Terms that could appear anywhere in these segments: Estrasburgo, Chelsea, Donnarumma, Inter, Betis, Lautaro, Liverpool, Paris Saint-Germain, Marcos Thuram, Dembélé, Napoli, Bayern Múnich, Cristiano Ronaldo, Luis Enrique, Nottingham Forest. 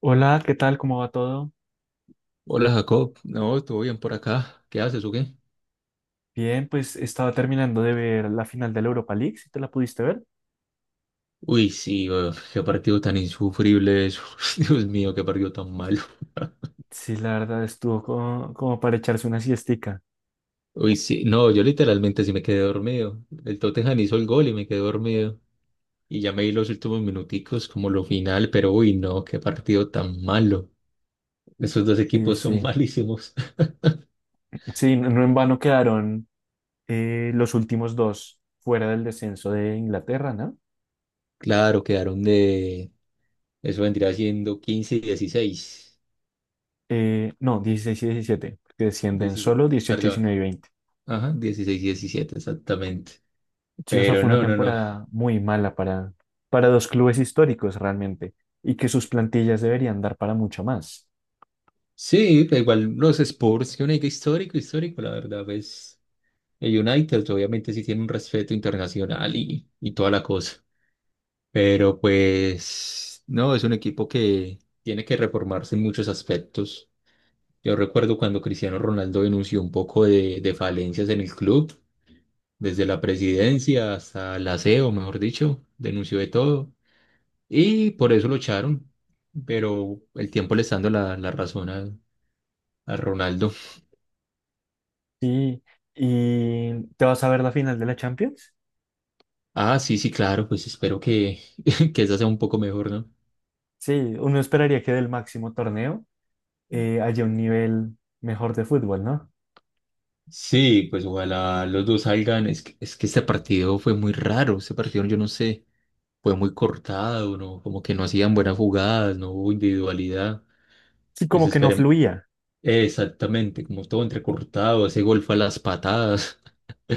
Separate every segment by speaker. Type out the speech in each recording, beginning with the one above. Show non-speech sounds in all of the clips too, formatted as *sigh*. Speaker 1: Hola, ¿qué tal? ¿Cómo va todo?
Speaker 2: Hola Jacob, no, todo bien por acá. ¿Qué haces o qué?
Speaker 1: Bien, pues estaba terminando de ver la final de la Europa League, si te la pudiste ver.
Speaker 2: Uy, sí, uf, qué partido tan insufrible eso. *laughs* Dios mío, qué partido tan malo. *laughs*
Speaker 1: Sí, la verdad estuvo como, como para echarse una siestica.
Speaker 2: Uy, sí, no, yo literalmente sí me quedé dormido. El Tottenham hizo el gol y me quedé dormido. Y ya me di los últimos minuticos como lo final, pero uy, no, qué partido tan malo. Esos dos
Speaker 1: Sí,
Speaker 2: equipos son
Speaker 1: sí.
Speaker 2: malísimos. *laughs*
Speaker 1: Sí, no en vano quedaron los últimos dos fuera del descenso de Inglaterra, ¿no?
Speaker 2: Claro, quedaron de. Eso vendría siendo 15 y 16,
Speaker 1: No, 16 y 17 porque descienden
Speaker 2: 16.
Speaker 1: solo dieciocho,
Speaker 2: Perdón.
Speaker 1: 19 y 20.
Speaker 2: Ajá, 16 y 17 exactamente.
Speaker 1: Sí, o sea,
Speaker 2: Pero
Speaker 1: fue una
Speaker 2: no, no, no.
Speaker 1: temporada muy mala para dos clubes históricos realmente, y que sus plantillas deberían dar para mucho más.
Speaker 2: Sí, pero igual los Spurs, que un equipo histórico, histórico, la verdad, pues el United obviamente sí tiene un respeto internacional y toda la cosa, pero pues no, es un equipo que tiene que reformarse en muchos aspectos. Yo recuerdo cuando Cristiano Ronaldo denunció un poco de falencias en el club, desde la presidencia hasta el aseo, mejor dicho, denunció de todo y por eso lo echaron, pero el tiempo le está dando la razón a Ronaldo.
Speaker 1: Sí, ¿y te vas a ver la final de la Champions?
Speaker 2: Ah, sí, sí, claro, pues espero que, *laughs* que esa sea un poco mejor, ¿no?
Speaker 1: Sí, uno esperaría que del máximo torneo haya un nivel mejor de fútbol, ¿no?
Speaker 2: Sí, pues ojalá los dos salgan. Es que este partido fue muy raro, este partido yo no sé, fue muy cortado, ¿no? Como que no hacían buenas jugadas, no hubo individualidad.
Speaker 1: Sí,
Speaker 2: Pues
Speaker 1: como que no
Speaker 2: esperemos,
Speaker 1: fluía.
Speaker 2: exactamente, como todo entrecortado, ese gol fue a las patadas,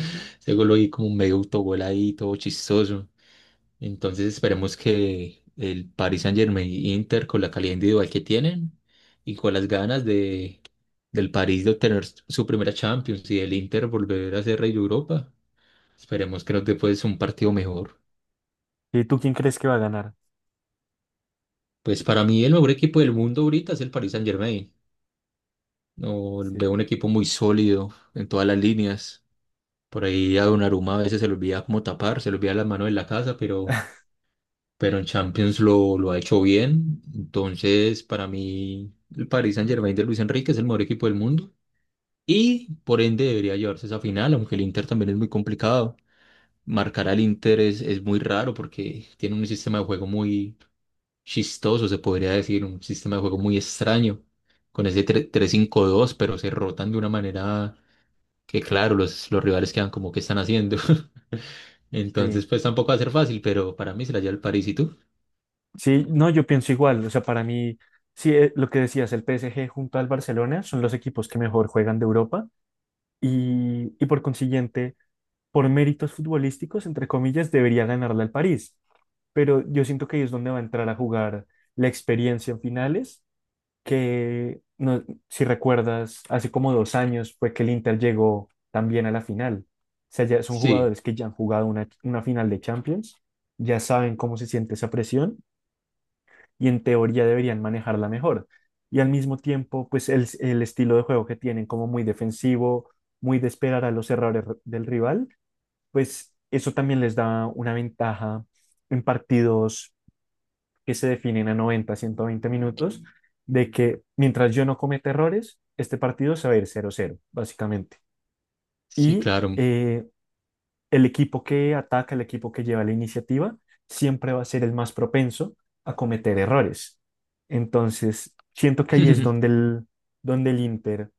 Speaker 2: *laughs* ese gol ahí como medio autogol ahí, todo chistoso. Entonces esperemos que el Paris Saint-Germain y Inter con la calidad individual que tienen y con las ganas de, del París de obtener su primera Champions y del Inter volver a ser rey de Europa, esperemos que nos dé pues un partido mejor.
Speaker 1: ¿Y tú quién crees que va a ganar?
Speaker 2: Pues para mí el mejor equipo del mundo ahorita es el Paris Saint-Germain. No,
Speaker 1: Sí,
Speaker 2: veo un equipo muy sólido en todas las líneas. Por ahí a Donnarumma a veces se le olvida como tapar, se le olvida las manos en la casa, pero en Champions lo ha hecho bien. Entonces, para mí, el Paris Saint-Germain de Luis Enrique es el mejor equipo del mundo y por ende debería llevarse esa final, aunque el Inter también es muy complicado. Marcar al Inter es muy raro porque tiene un sistema de juego muy chistoso, se podría decir, un sistema de juego muy extraño con ese tres cinco dos, pero se rotan de una manera que, claro, los rivales quedan como que están haciendo. *laughs* Entonces,
Speaker 1: sí,
Speaker 2: pues tampoco va a ser fácil, pero para mí se la lleva el París. ¿Y tú?
Speaker 1: sí, no, yo pienso igual. O sea, para mí, sí, lo que decías, el PSG junto al Barcelona son los equipos que mejor juegan de Europa y por consiguiente, por méritos futbolísticos, entre comillas, debería ganarle al París. Pero yo siento que ahí es donde va a entrar a jugar la experiencia en finales que, no, si recuerdas, hace como dos años fue que el Inter llegó también a la final. O sea, ya son
Speaker 2: Sí.
Speaker 1: jugadores que ya han jugado una final de Champions, ya saben cómo se siente esa presión y en teoría deberían manejarla mejor. Y al mismo tiempo, pues el estilo de juego que tienen, como muy defensivo, muy de esperar a los errores del rival, pues eso también les da una ventaja en partidos que se definen a 90, 120 minutos, de que mientras yo no cometa errores, este partido se va a ir cero cero básicamente.
Speaker 2: Sí,
Speaker 1: Y
Speaker 2: claro.
Speaker 1: eh, el equipo que ataca, el equipo que lleva la iniciativa, siempre va a ser el más propenso a cometer errores. Entonces, siento que ahí es donde
Speaker 2: *laughs*
Speaker 1: donde el Inter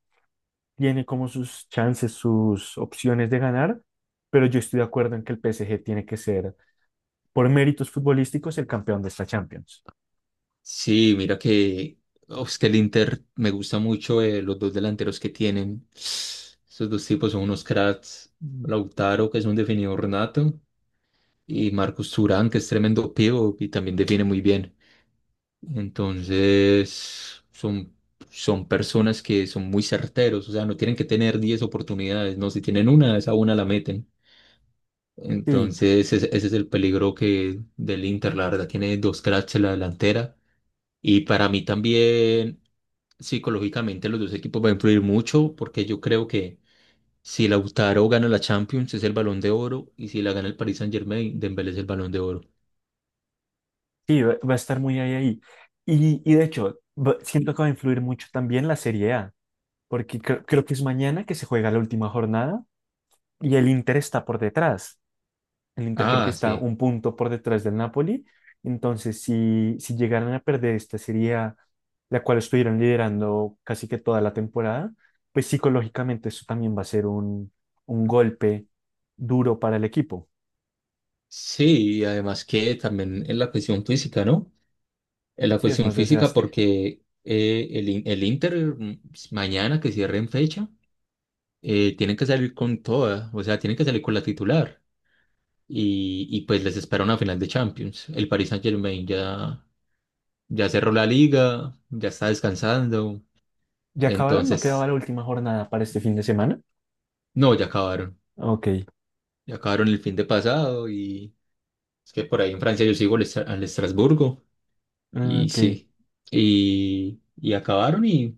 Speaker 1: tiene como sus chances, sus opciones de ganar, pero yo estoy de acuerdo en que el PSG tiene que ser, por méritos futbolísticos, el campeón de esta Champions.
Speaker 2: Sí, mira que, oh, es que el Inter me gusta mucho los dos delanteros que tienen. Esos dos tipos son unos cracks. Lautaro, que es un definidor nato, y Marcos Thuram, que es tremendo pivo y también define muy bien. Entonces, son, personas que son muy certeros, o sea, no tienen que tener 10 oportunidades, no, si tienen una, esa una la meten.
Speaker 1: Sí.
Speaker 2: Entonces, ese es el peligro que del Inter, la verdad, tiene dos cracks en la delantera. Y para mí también, psicológicamente, los dos equipos van a influir mucho porque yo creo que si Lautaro gana la Champions es el Balón de Oro y si la gana el Paris Saint-Germain, Dembélé es el Balón de Oro.
Speaker 1: Sí, va, va a estar muy ahí, ahí. Y de hecho, siento que va a influir mucho también la Serie A, porque creo que es mañana que se juega la última jornada y el Inter está por detrás. El Inter creo que
Speaker 2: Ah,
Speaker 1: está
Speaker 2: sí.
Speaker 1: un punto por detrás del Napoli. Entonces, si, si llegaran a perder esta Serie A, la cual estuvieron liderando casi que toda la temporada, pues psicológicamente eso también va a ser un golpe duro para el equipo.
Speaker 2: Sí, y además que también en la cuestión física, ¿no? En la
Speaker 1: Sí, es
Speaker 2: cuestión
Speaker 1: más
Speaker 2: física
Speaker 1: desgaste.
Speaker 2: porque el Inter, mañana que cierre en fecha, tienen que salir con toda, o sea, tienen que salir con la titular. Y pues les espera una final de Champions. El Paris Saint-Germain Ya cerró la liga, ya está descansando.
Speaker 1: ¿Ya acabaron? ¿No quedaba
Speaker 2: Entonces,
Speaker 1: la última jornada para este fin de semana?
Speaker 2: no, ya acabaron.
Speaker 1: Ok.
Speaker 2: Ya acabaron el fin de pasado y es que por ahí en Francia yo sigo al Estrasburgo
Speaker 1: Ah,
Speaker 2: y
Speaker 1: ok,
Speaker 2: sí. Y acabaron y,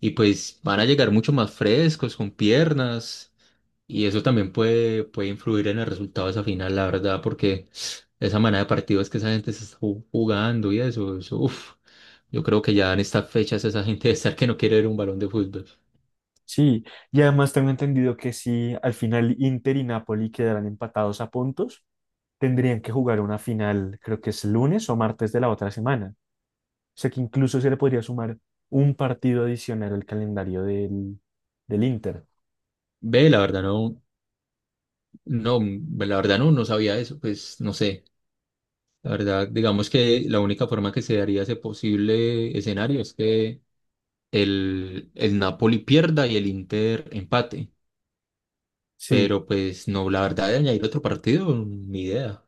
Speaker 2: y pues van a llegar mucho más frescos, con piernas. Y eso también puede influir en el resultado de esa final, la verdad, porque esa manera de partidos que esa gente se está jugando y eso, uf, yo creo que ya en estas fechas esa gente debe estar que no quiere ver un balón de fútbol.
Speaker 1: sí. Y además tengo entendido que si al final Inter y Napoli quedarán empatados a puntos, tendrían que jugar una final, creo que es lunes o martes de la otra semana. O sea que incluso se le podría sumar un partido adicional al calendario del, del Inter.
Speaker 2: Ve, la verdad no, no, la verdad no, no sabía eso, pues no sé. La verdad, digamos que la única forma que se daría ese posible escenario es que el Napoli pierda y el Inter empate.
Speaker 1: Sí,
Speaker 2: Pero pues no, la verdad de añadir otro partido, ni idea.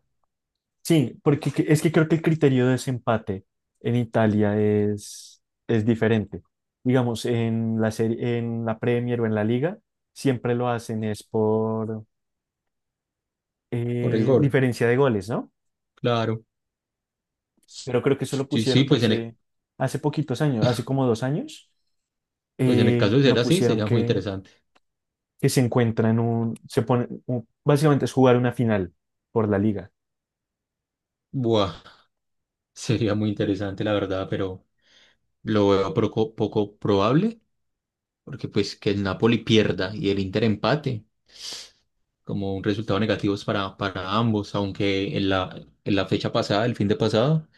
Speaker 1: sí, porque es que creo que el criterio de desempate en Italia es diferente. Digamos, en la serie, en la Premier o en la Liga, siempre lo hacen es por
Speaker 2: Por el gol,
Speaker 1: diferencia de goles, ¿no?
Speaker 2: claro.
Speaker 1: Pero creo que eso lo
Speaker 2: Sí,
Speaker 1: pusieron
Speaker 2: sí,
Speaker 1: hace, hace poquitos años, hace como dos años,
Speaker 2: pues en el caso de ser
Speaker 1: lo
Speaker 2: así,
Speaker 1: pusieron
Speaker 2: sería muy interesante.
Speaker 1: que se encuentran un, se pone, básicamente es jugar una final por la liga.
Speaker 2: Buah, *laughs* sería muy interesante, la verdad, pero lo veo poco, poco probable, porque pues que el Napoli pierda y el Inter empate, como un resultado negativo para ambos, aunque en la fecha pasada, el fin de pasado,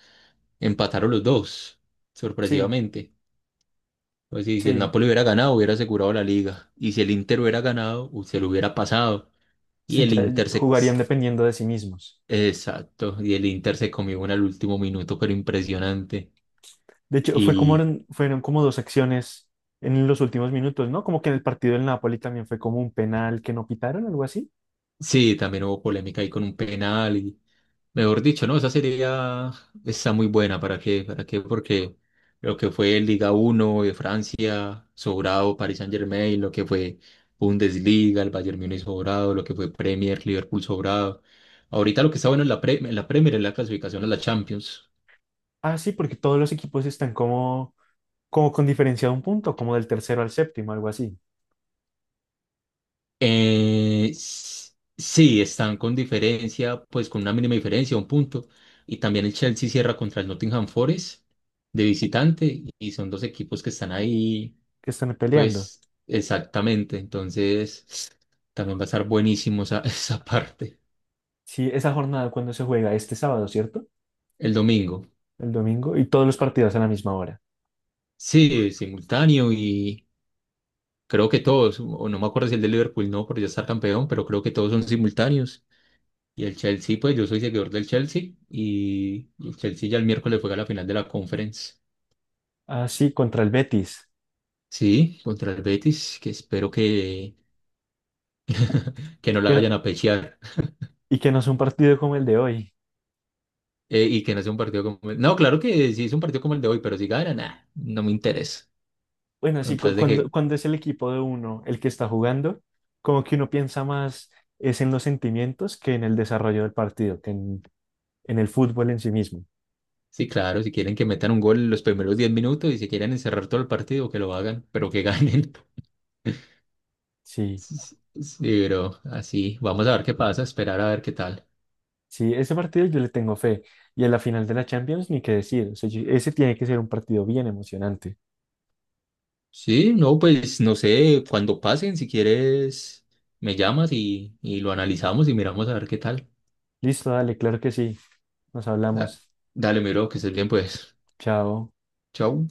Speaker 2: empataron los dos,
Speaker 1: Sí,
Speaker 2: sorpresivamente. Pues sí, si el
Speaker 1: sí,
Speaker 2: Napoli hubiera ganado, hubiera asegurado la liga. Y si el Inter hubiera ganado, se lo hubiera pasado. Y
Speaker 1: sí,
Speaker 2: el
Speaker 1: ya
Speaker 2: Inter se.
Speaker 1: jugarían dependiendo de sí mismos.
Speaker 2: Exacto, y el Inter se comió una al último minuto, pero impresionante.
Speaker 1: De hecho, fue como,
Speaker 2: Y
Speaker 1: fueron como dos acciones en los últimos minutos, ¿no? Como que en el partido del Napoli también fue como un penal que no pitaron, algo así.
Speaker 2: sí, también hubo polémica ahí con un penal. Mejor dicho, no, esa sería, ya está muy buena. ¿Para qué? ¿Para qué? Porque lo que fue Liga 1 de Francia, sobrado Paris Saint-Germain, lo que fue Bundesliga, el Bayern Múnich sobrado, lo que fue Premier, Liverpool sobrado. Ahorita lo que está bueno en la Premier es la clasificación a la Champions.
Speaker 1: Ah, sí, porque todos los equipos están como, como con diferencia de un punto, como del tercero al séptimo, algo así.
Speaker 2: Eh, s- sí, están con diferencia, pues con una mínima diferencia, un punto. Y también el Chelsea cierra contra el Nottingham Forest de visitante y son dos equipos que están ahí.
Speaker 1: Que están peleando.
Speaker 2: Pues exactamente, entonces también va a estar buenísimo esa, *laughs* esa parte.
Speaker 1: Sí, esa jornada cuando se juega este sábado, ¿cierto?
Speaker 2: El domingo.
Speaker 1: El domingo y todos los partidos a la misma hora.
Speaker 2: Sí, simultáneo y creo que todos, o no me acuerdo si el de Liverpool no, por ya estar campeón, pero creo que todos son simultáneos. Y el Chelsea, pues yo soy seguidor del Chelsea y el Chelsea ya el miércoles juega la final de la Conference.
Speaker 1: Ah, sí, contra el Betis.
Speaker 2: Sí, contra el Betis, que espero que, no la
Speaker 1: Que-
Speaker 2: vayan a pechear. *laughs*
Speaker 1: y que no es un partido como el de hoy.
Speaker 2: Y que no sea un partido como. No, claro que sí es un partido como el de hoy, pero si gana, nah, no me interesa.
Speaker 1: Bueno,
Speaker 2: Con
Speaker 1: sí,
Speaker 2: tal de
Speaker 1: cuando,
Speaker 2: que.
Speaker 1: cuando es el equipo de uno el que está jugando, como que uno piensa más es en los sentimientos que en el desarrollo del partido, que en el fútbol en sí mismo.
Speaker 2: Sí, claro, si quieren que metan un gol en los primeros 10 minutos y si quieren encerrar todo el partido, que lo hagan, pero que ganen. *laughs*
Speaker 1: Sí,
Speaker 2: Sí, sí, sí, pero así, vamos a ver qué pasa, esperar a ver qué tal.
Speaker 1: sí, ese partido yo le tengo fe. Y a la final de la Champions, ni qué decir. O sea, ese tiene que ser un partido bien emocionante.
Speaker 2: Sí, no, pues no sé, cuando pasen, si quieres, me llamas y lo analizamos y miramos a ver qué tal.
Speaker 1: Listo, dale, claro que sí. Nos
Speaker 2: Da-
Speaker 1: hablamos.
Speaker 2: dale, miro, que estés bien, pues.
Speaker 1: Chao.
Speaker 2: Chau.